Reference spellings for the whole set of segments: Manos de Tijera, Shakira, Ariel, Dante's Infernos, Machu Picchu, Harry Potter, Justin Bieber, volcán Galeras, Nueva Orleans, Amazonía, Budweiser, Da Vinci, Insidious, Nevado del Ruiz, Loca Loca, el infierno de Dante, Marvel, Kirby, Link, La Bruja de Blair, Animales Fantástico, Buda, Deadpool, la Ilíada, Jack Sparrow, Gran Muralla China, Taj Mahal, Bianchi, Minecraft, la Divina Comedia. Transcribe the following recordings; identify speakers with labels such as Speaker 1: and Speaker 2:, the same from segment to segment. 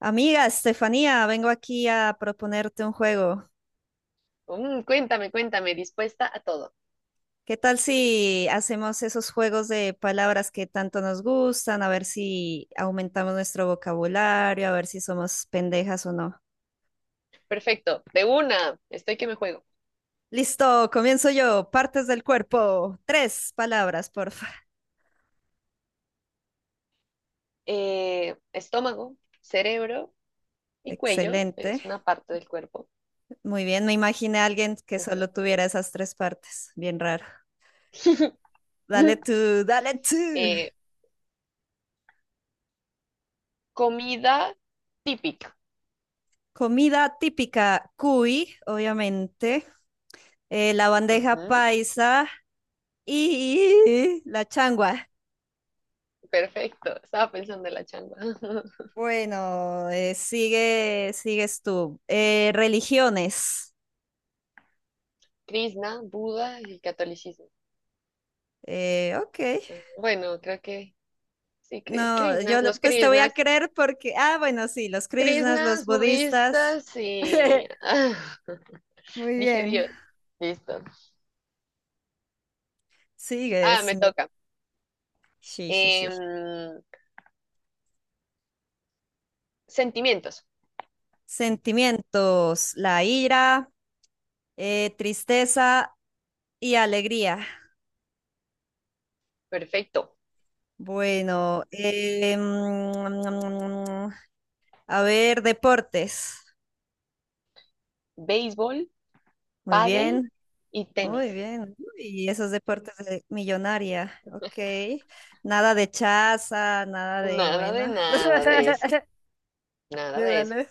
Speaker 1: Amiga Estefanía, vengo aquí a proponerte un juego.
Speaker 2: Cuéntame, dispuesta a todo.
Speaker 1: ¿Qué tal si hacemos esos juegos de palabras que tanto nos gustan? A ver si aumentamos nuestro vocabulario, a ver si somos pendejas o no.
Speaker 2: Perfecto, de una, estoy que me juego.
Speaker 1: Listo, comienzo yo. Partes del cuerpo. Tres palabras, porfa.
Speaker 2: Estómago, cerebro y cuello,
Speaker 1: Excelente.
Speaker 2: es una parte del cuerpo.
Speaker 1: Muy bien, me imaginé a alguien que
Speaker 2: Ujú.
Speaker 1: solo tuviera esas tres partes. Bien raro. Dale tú, dale tú.
Speaker 2: Eh, comida típica.
Speaker 1: Comida típica, cuy, obviamente. La bandeja
Speaker 2: Ujú,
Speaker 1: paisa y la changua.
Speaker 2: perfecto, estaba pensando en la changua.
Speaker 1: Bueno, sigue, sigues tú. Religiones.
Speaker 2: Krishna, Buda y catolicismo.
Speaker 1: Ok.
Speaker 2: Ah, bueno, creo que sí,
Speaker 1: No,
Speaker 2: Krishnas, los
Speaker 1: pues te voy a
Speaker 2: Krishnas.
Speaker 1: creer porque, ah, bueno, sí, los krishnas, los
Speaker 2: Krishnas,
Speaker 1: budistas.
Speaker 2: budistas y...
Speaker 1: Muy
Speaker 2: Dije
Speaker 1: bien.
Speaker 2: Dios. Listo. Ah,
Speaker 1: Sigues.
Speaker 2: me toca.
Speaker 1: Sí, sí, sí.
Speaker 2: Em, sentimientos.
Speaker 1: Sentimientos, la ira, tristeza y alegría.
Speaker 2: Perfecto.
Speaker 1: Bueno, a ver, deportes.
Speaker 2: Béisbol,
Speaker 1: Muy
Speaker 2: pádel
Speaker 1: bien,
Speaker 2: y tenis.
Speaker 1: muy bien. Y esos deportes de millonaria. Ok. Nada de chaza, nada de,
Speaker 2: Nada de
Speaker 1: vainas.
Speaker 2: nada de eso. Nada
Speaker 1: Le
Speaker 2: de eso.
Speaker 1: dale.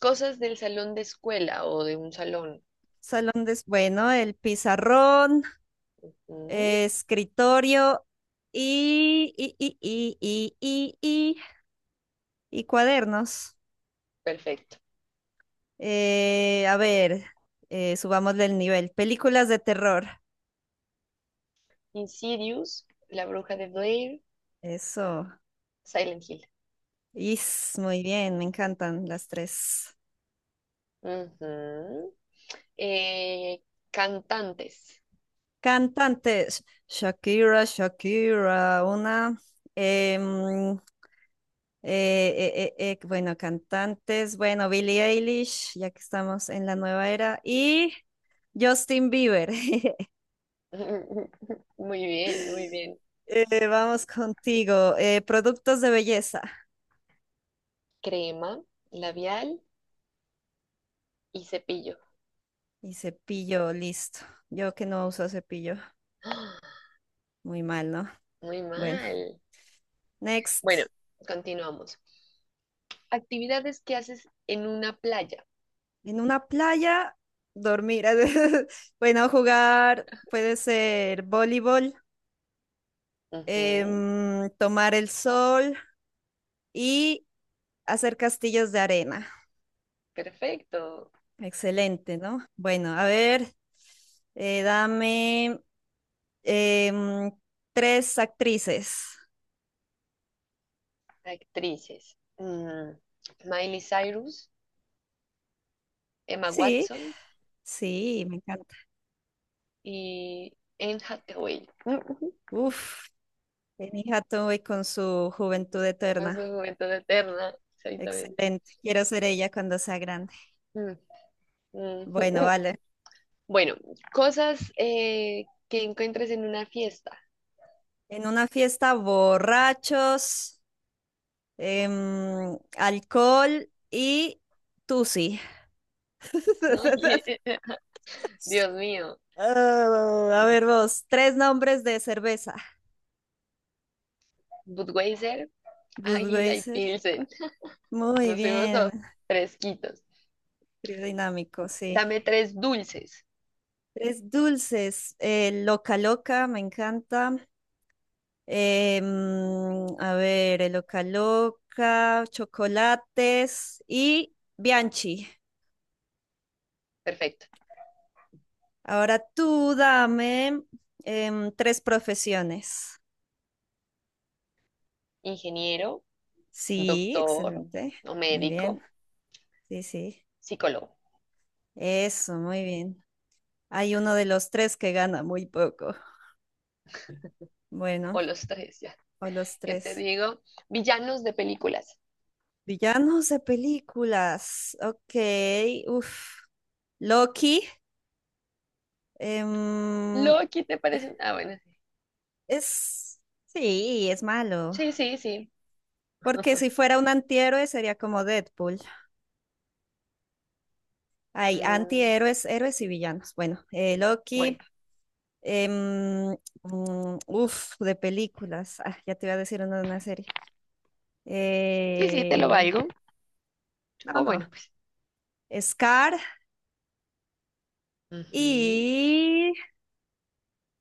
Speaker 2: Cosas del salón de escuela o de un salón.
Speaker 1: Salón de, bueno, el pizarrón,
Speaker 2: Mm,
Speaker 1: escritorio y, y, y, y, y, y, y, y cuadernos.
Speaker 2: perfecto.
Speaker 1: Eh, a ver, Subámosle el nivel. Películas de terror.
Speaker 2: Insidious, La Bruja de Blair,
Speaker 1: Eso.
Speaker 2: Silent Hill.
Speaker 1: Is, muy bien, me encantan las tres.
Speaker 2: Ujú. Eh, cantantes.
Speaker 1: Cantantes, Shakira, Shakira, una, em, bueno, cantantes, bueno, Billie Eilish, ya que estamos en la nueva era, y Justin Bieber.
Speaker 2: Muy bien, muy bien.
Speaker 1: Vamos contigo, productos de belleza
Speaker 2: Crema, labial y cepillo.
Speaker 1: y cepillo, listo. Yo que no uso cepillo,
Speaker 2: ¡Ah!
Speaker 1: muy mal, ¿no?
Speaker 2: Muy
Speaker 1: Bueno,
Speaker 2: mal. Bueno,
Speaker 1: next,
Speaker 2: continuamos. Actividades que haces en una playa.
Speaker 1: en una playa, dormir, bueno, jugar, puede ser voleibol,
Speaker 2: Ujú,
Speaker 1: tomar el sol y hacer castillos de arena.
Speaker 2: perfecto.
Speaker 1: Excelente, ¿no? Bueno, a ver, dame em, tres actrices.
Speaker 2: Actrices. Miley Cyrus, Emma
Speaker 1: Sí,
Speaker 2: Watson
Speaker 1: sí, me encanta.
Speaker 2: y Anne Hathaway. Ujú,
Speaker 1: Uf, Annie Hathaway con su juventud
Speaker 2: a su
Speaker 1: eterna.
Speaker 2: juventud eterna, exactamente.
Speaker 1: Excelente. Quiero ser ella cuando sea grande.
Speaker 2: Mm, mm,
Speaker 1: Bueno,
Speaker 2: mm.
Speaker 1: vale.
Speaker 2: Bueno, cosas que encuentres en una fiesta.
Speaker 1: En una fiesta, borrachos, alcohol y tusi.
Speaker 2: Oye, Dios mío.
Speaker 1: Ah, a ver vos, tres nombres de cerveza.
Speaker 2: Budweiser, Águila y
Speaker 1: Budweiser.
Speaker 2: Pilsen.
Speaker 1: Muy
Speaker 2: Nos fuimos a
Speaker 1: bien.
Speaker 2: fresquitos.
Speaker 1: Trío dinámico, sí.
Speaker 2: Dame tres dulces.
Speaker 1: Tres dulces. Loca Loca, me encanta. A ver, el Loca Loca, chocolates y Bianchi.
Speaker 2: Perfecto.
Speaker 1: Ahora tú dame tres profesiones.
Speaker 2: Ingeniero,
Speaker 1: Sí,
Speaker 2: doctor
Speaker 1: excelente.
Speaker 2: o
Speaker 1: Muy
Speaker 2: médico,
Speaker 1: bien. Sí, sí.
Speaker 2: psicólogo,
Speaker 1: Eso, muy bien. Hay uno de los tres que gana muy poco. Bueno,
Speaker 2: o los tres, ya.
Speaker 1: o los
Speaker 2: ¿Qué te
Speaker 1: tres.
Speaker 2: digo? Villanos de películas.
Speaker 1: Villanos de películas. Ok, uff. Loki. em,
Speaker 2: Loki, ¿te parece? Ah, bueno,
Speaker 1: es... sí, es malo.
Speaker 2: sí, sí, sí, sí.
Speaker 1: Porque si fuera un antihéroe sería como Deadpool. Hay
Speaker 2: Mm,
Speaker 1: antihéroes, héroes y villanos. Bueno,
Speaker 2: bueno,
Speaker 1: Loki. em, Uf, de películas. Ah, ya te iba a decir uno de una serie.
Speaker 2: sí, sí, te lo
Speaker 1: Eh,
Speaker 2: valgo.
Speaker 1: no,
Speaker 2: O
Speaker 1: no.
Speaker 2: bueno, pues.
Speaker 1: Scar
Speaker 2: Ujú,
Speaker 1: y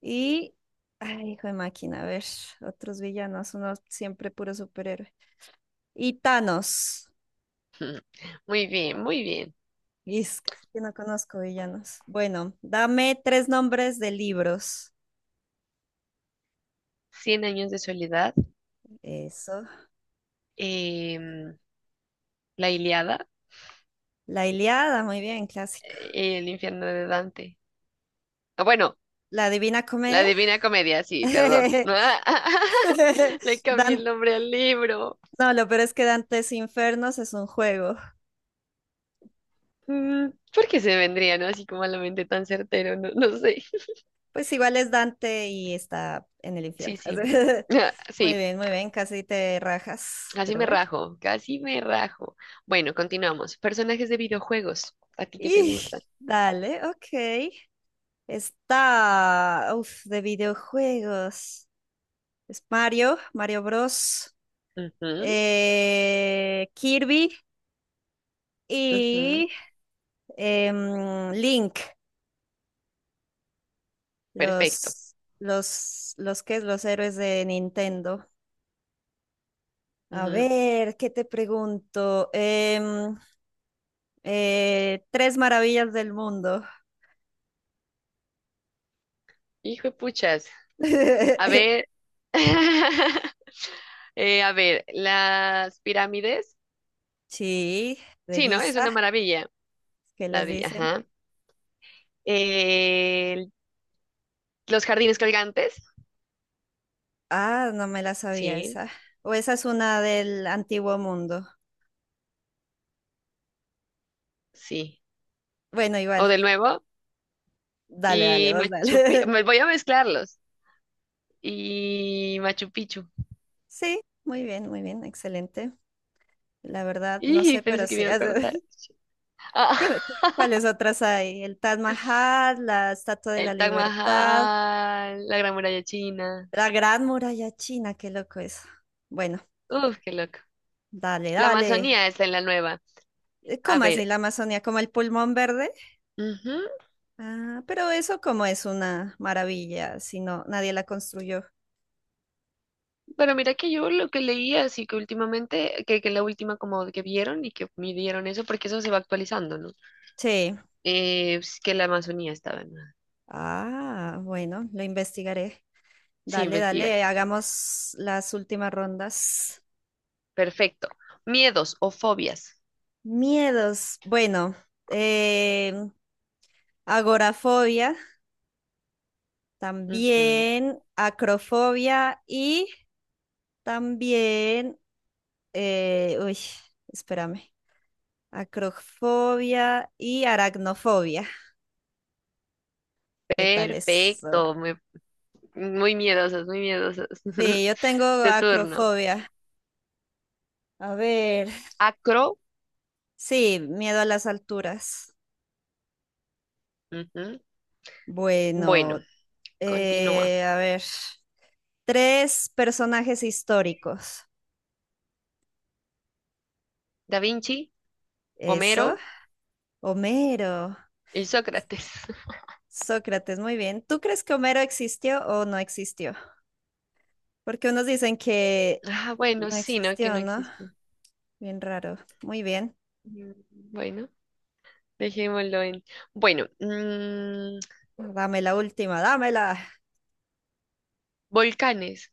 Speaker 1: Y, ay, hijo de máquina, a ver, otros villanos, uno siempre puro superhéroe. Y Thanos.
Speaker 2: ujú. Muy bien, muy bien.
Speaker 1: Y es casi que sí no conozco villanos. Bueno, dame tres nombres de libros.
Speaker 2: Cien años de soledad,
Speaker 1: Eso.
Speaker 2: em, la Ilíada,
Speaker 1: La Ilíada, muy bien, clásico.
Speaker 2: el infierno de Dante. Ah, bueno,
Speaker 1: La Divina
Speaker 2: la
Speaker 1: Comedia.
Speaker 2: Divina Comedia, sí, perdón. Le cambié
Speaker 1: Dan-
Speaker 2: el nombre al libro.
Speaker 1: no, lo peor es que Dante's Infernos es un juego.
Speaker 2: Mm, ¿por qué se vendría, no? Así como a la mente tan certero, no, no sé.
Speaker 1: Pues igual es Dante y está en el
Speaker 2: Sí,
Speaker 1: infierno.
Speaker 2: sí. Ah, sí,
Speaker 1: Muy bien, casi te rajas,
Speaker 2: casi
Speaker 1: pero
Speaker 2: me
Speaker 1: bueno.
Speaker 2: rajo, casi me rajo. Bueno, continuamos. Personajes de videojuegos, ¿a ti qué te
Speaker 1: Y
Speaker 2: gustan?
Speaker 1: dale, ok. Está, uf, de videojuegos. Es Mario, Mario Bros,
Speaker 2: Ujú,
Speaker 1: Kirby
Speaker 2: ujú,
Speaker 1: y Link,
Speaker 2: perfecto.
Speaker 1: los que es los héroes de Nintendo. A
Speaker 2: Ujú.
Speaker 1: ver, ¿qué te pregunto? Tres maravillas del mundo.
Speaker 2: Hijo de puchas. A ver. A ver, las pirámides.
Speaker 1: Sí, de
Speaker 2: Sí, ¿no? Es una
Speaker 1: Guisa,
Speaker 2: maravilla.
Speaker 1: ¿qué
Speaker 2: La
Speaker 1: les
Speaker 2: vi,
Speaker 1: dicen?
Speaker 2: ajá. Eh, los jardines colgantes.
Speaker 1: Ah, no me la sabía
Speaker 2: Sí,
Speaker 1: esa. O esa es una del antiguo mundo.
Speaker 2: sí.
Speaker 1: Bueno,
Speaker 2: O
Speaker 1: igual.
Speaker 2: de nuevo.
Speaker 1: Dale, dale,
Speaker 2: Y
Speaker 1: vos
Speaker 2: Machu Picchu,
Speaker 1: dale.
Speaker 2: me voy a mezclarlos. Y Machu Picchu.
Speaker 1: Sí, muy bien, excelente. La verdad, no
Speaker 2: Y
Speaker 1: sé,
Speaker 2: pensé
Speaker 1: pero
Speaker 2: que me
Speaker 1: sí.
Speaker 2: iba a cortar. Ah,
Speaker 1: Dime, ¿cuáles otras hay? El Taj Mahal, la Estatua de la
Speaker 2: el Taj
Speaker 1: Libertad,
Speaker 2: Mahal, la Gran Muralla China.
Speaker 1: la Gran Muralla China, qué loco eso. Bueno,
Speaker 2: Uf, qué loco.
Speaker 1: dale,
Speaker 2: La
Speaker 1: dale.
Speaker 2: Amazonía está en la nueva. A
Speaker 1: ¿Cómo
Speaker 2: ver.
Speaker 1: así la Amazonía? ¿Como el pulmón verde?
Speaker 2: Ujú,
Speaker 1: Ah, pero eso como es una maravilla, si no, nadie la construyó.
Speaker 2: pero mira que yo lo que leí así que últimamente, que la última como que vieron y que midieron eso, porque eso se va actualizando, ¿no?
Speaker 1: Sí.
Speaker 2: Es que la Amazonía estaba en...
Speaker 1: Ah, bueno, lo investigaré.
Speaker 2: Sí,
Speaker 1: Dale,
Speaker 2: investigar.
Speaker 1: dale, hagamos las últimas rondas.
Speaker 2: Perfecto. Miedos o fobias.
Speaker 1: Miedos. Bueno, eh, agorafobia,
Speaker 2: Ujú.
Speaker 1: también acrofobia y también, eh, uy, espérame, acrofobia y aracnofobia. ¿Qué tal eso?
Speaker 2: Perfecto, muy, muy miedosas, muy miedosos.
Speaker 1: Sí, yo tengo
Speaker 2: De turno.
Speaker 1: acrofobia. A ver,
Speaker 2: Acro,
Speaker 1: sí, miedo a las alturas.
Speaker 2: ujú. Bueno,
Speaker 1: Bueno,
Speaker 2: continúa.
Speaker 1: A ver. Tres personajes históricos.
Speaker 2: Da Vinci,
Speaker 1: Eso.
Speaker 2: Homero
Speaker 1: Homero.
Speaker 2: y Sócrates.
Speaker 1: Sócrates, muy bien. ¿Tú crees que Homero existió o no existió? Porque unos dicen que
Speaker 2: Ah, bueno,
Speaker 1: no
Speaker 2: sí, ¿no? Que
Speaker 1: existió,
Speaker 2: no
Speaker 1: ¿no?
Speaker 2: existen.
Speaker 1: Bien raro. Muy bien.
Speaker 2: Mm, bueno, dejémoslo en. Bueno,
Speaker 1: Dame la última, dámela.
Speaker 2: volcanes.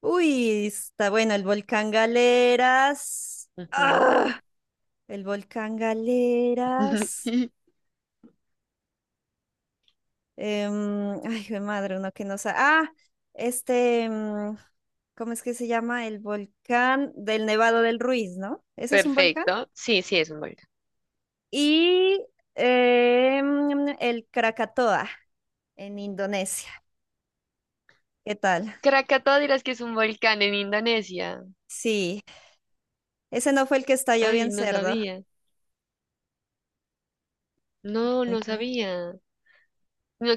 Speaker 1: Uy, está bueno, el volcán Galeras.
Speaker 2: Ujú.
Speaker 1: ¡Ah! El volcán Galeras. Ay, jue madre, uno que no sabe. Ah, este, em, ¿cómo es que se llama? El volcán del Nevado del Ruiz, ¿no? Ese es un volcán.
Speaker 2: Perfecto. Sí, sí, es un volcán.
Speaker 1: Y el Krakatoa en Indonesia. ¿Qué tal?
Speaker 2: Krakatoa dirás que es un volcán en Indonesia.
Speaker 1: Sí, ese no fue el que estalló bien
Speaker 2: Ay, no
Speaker 1: cerdo.
Speaker 2: sabía. No, no
Speaker 1: Ujú.
Speaker 2: sabía. No,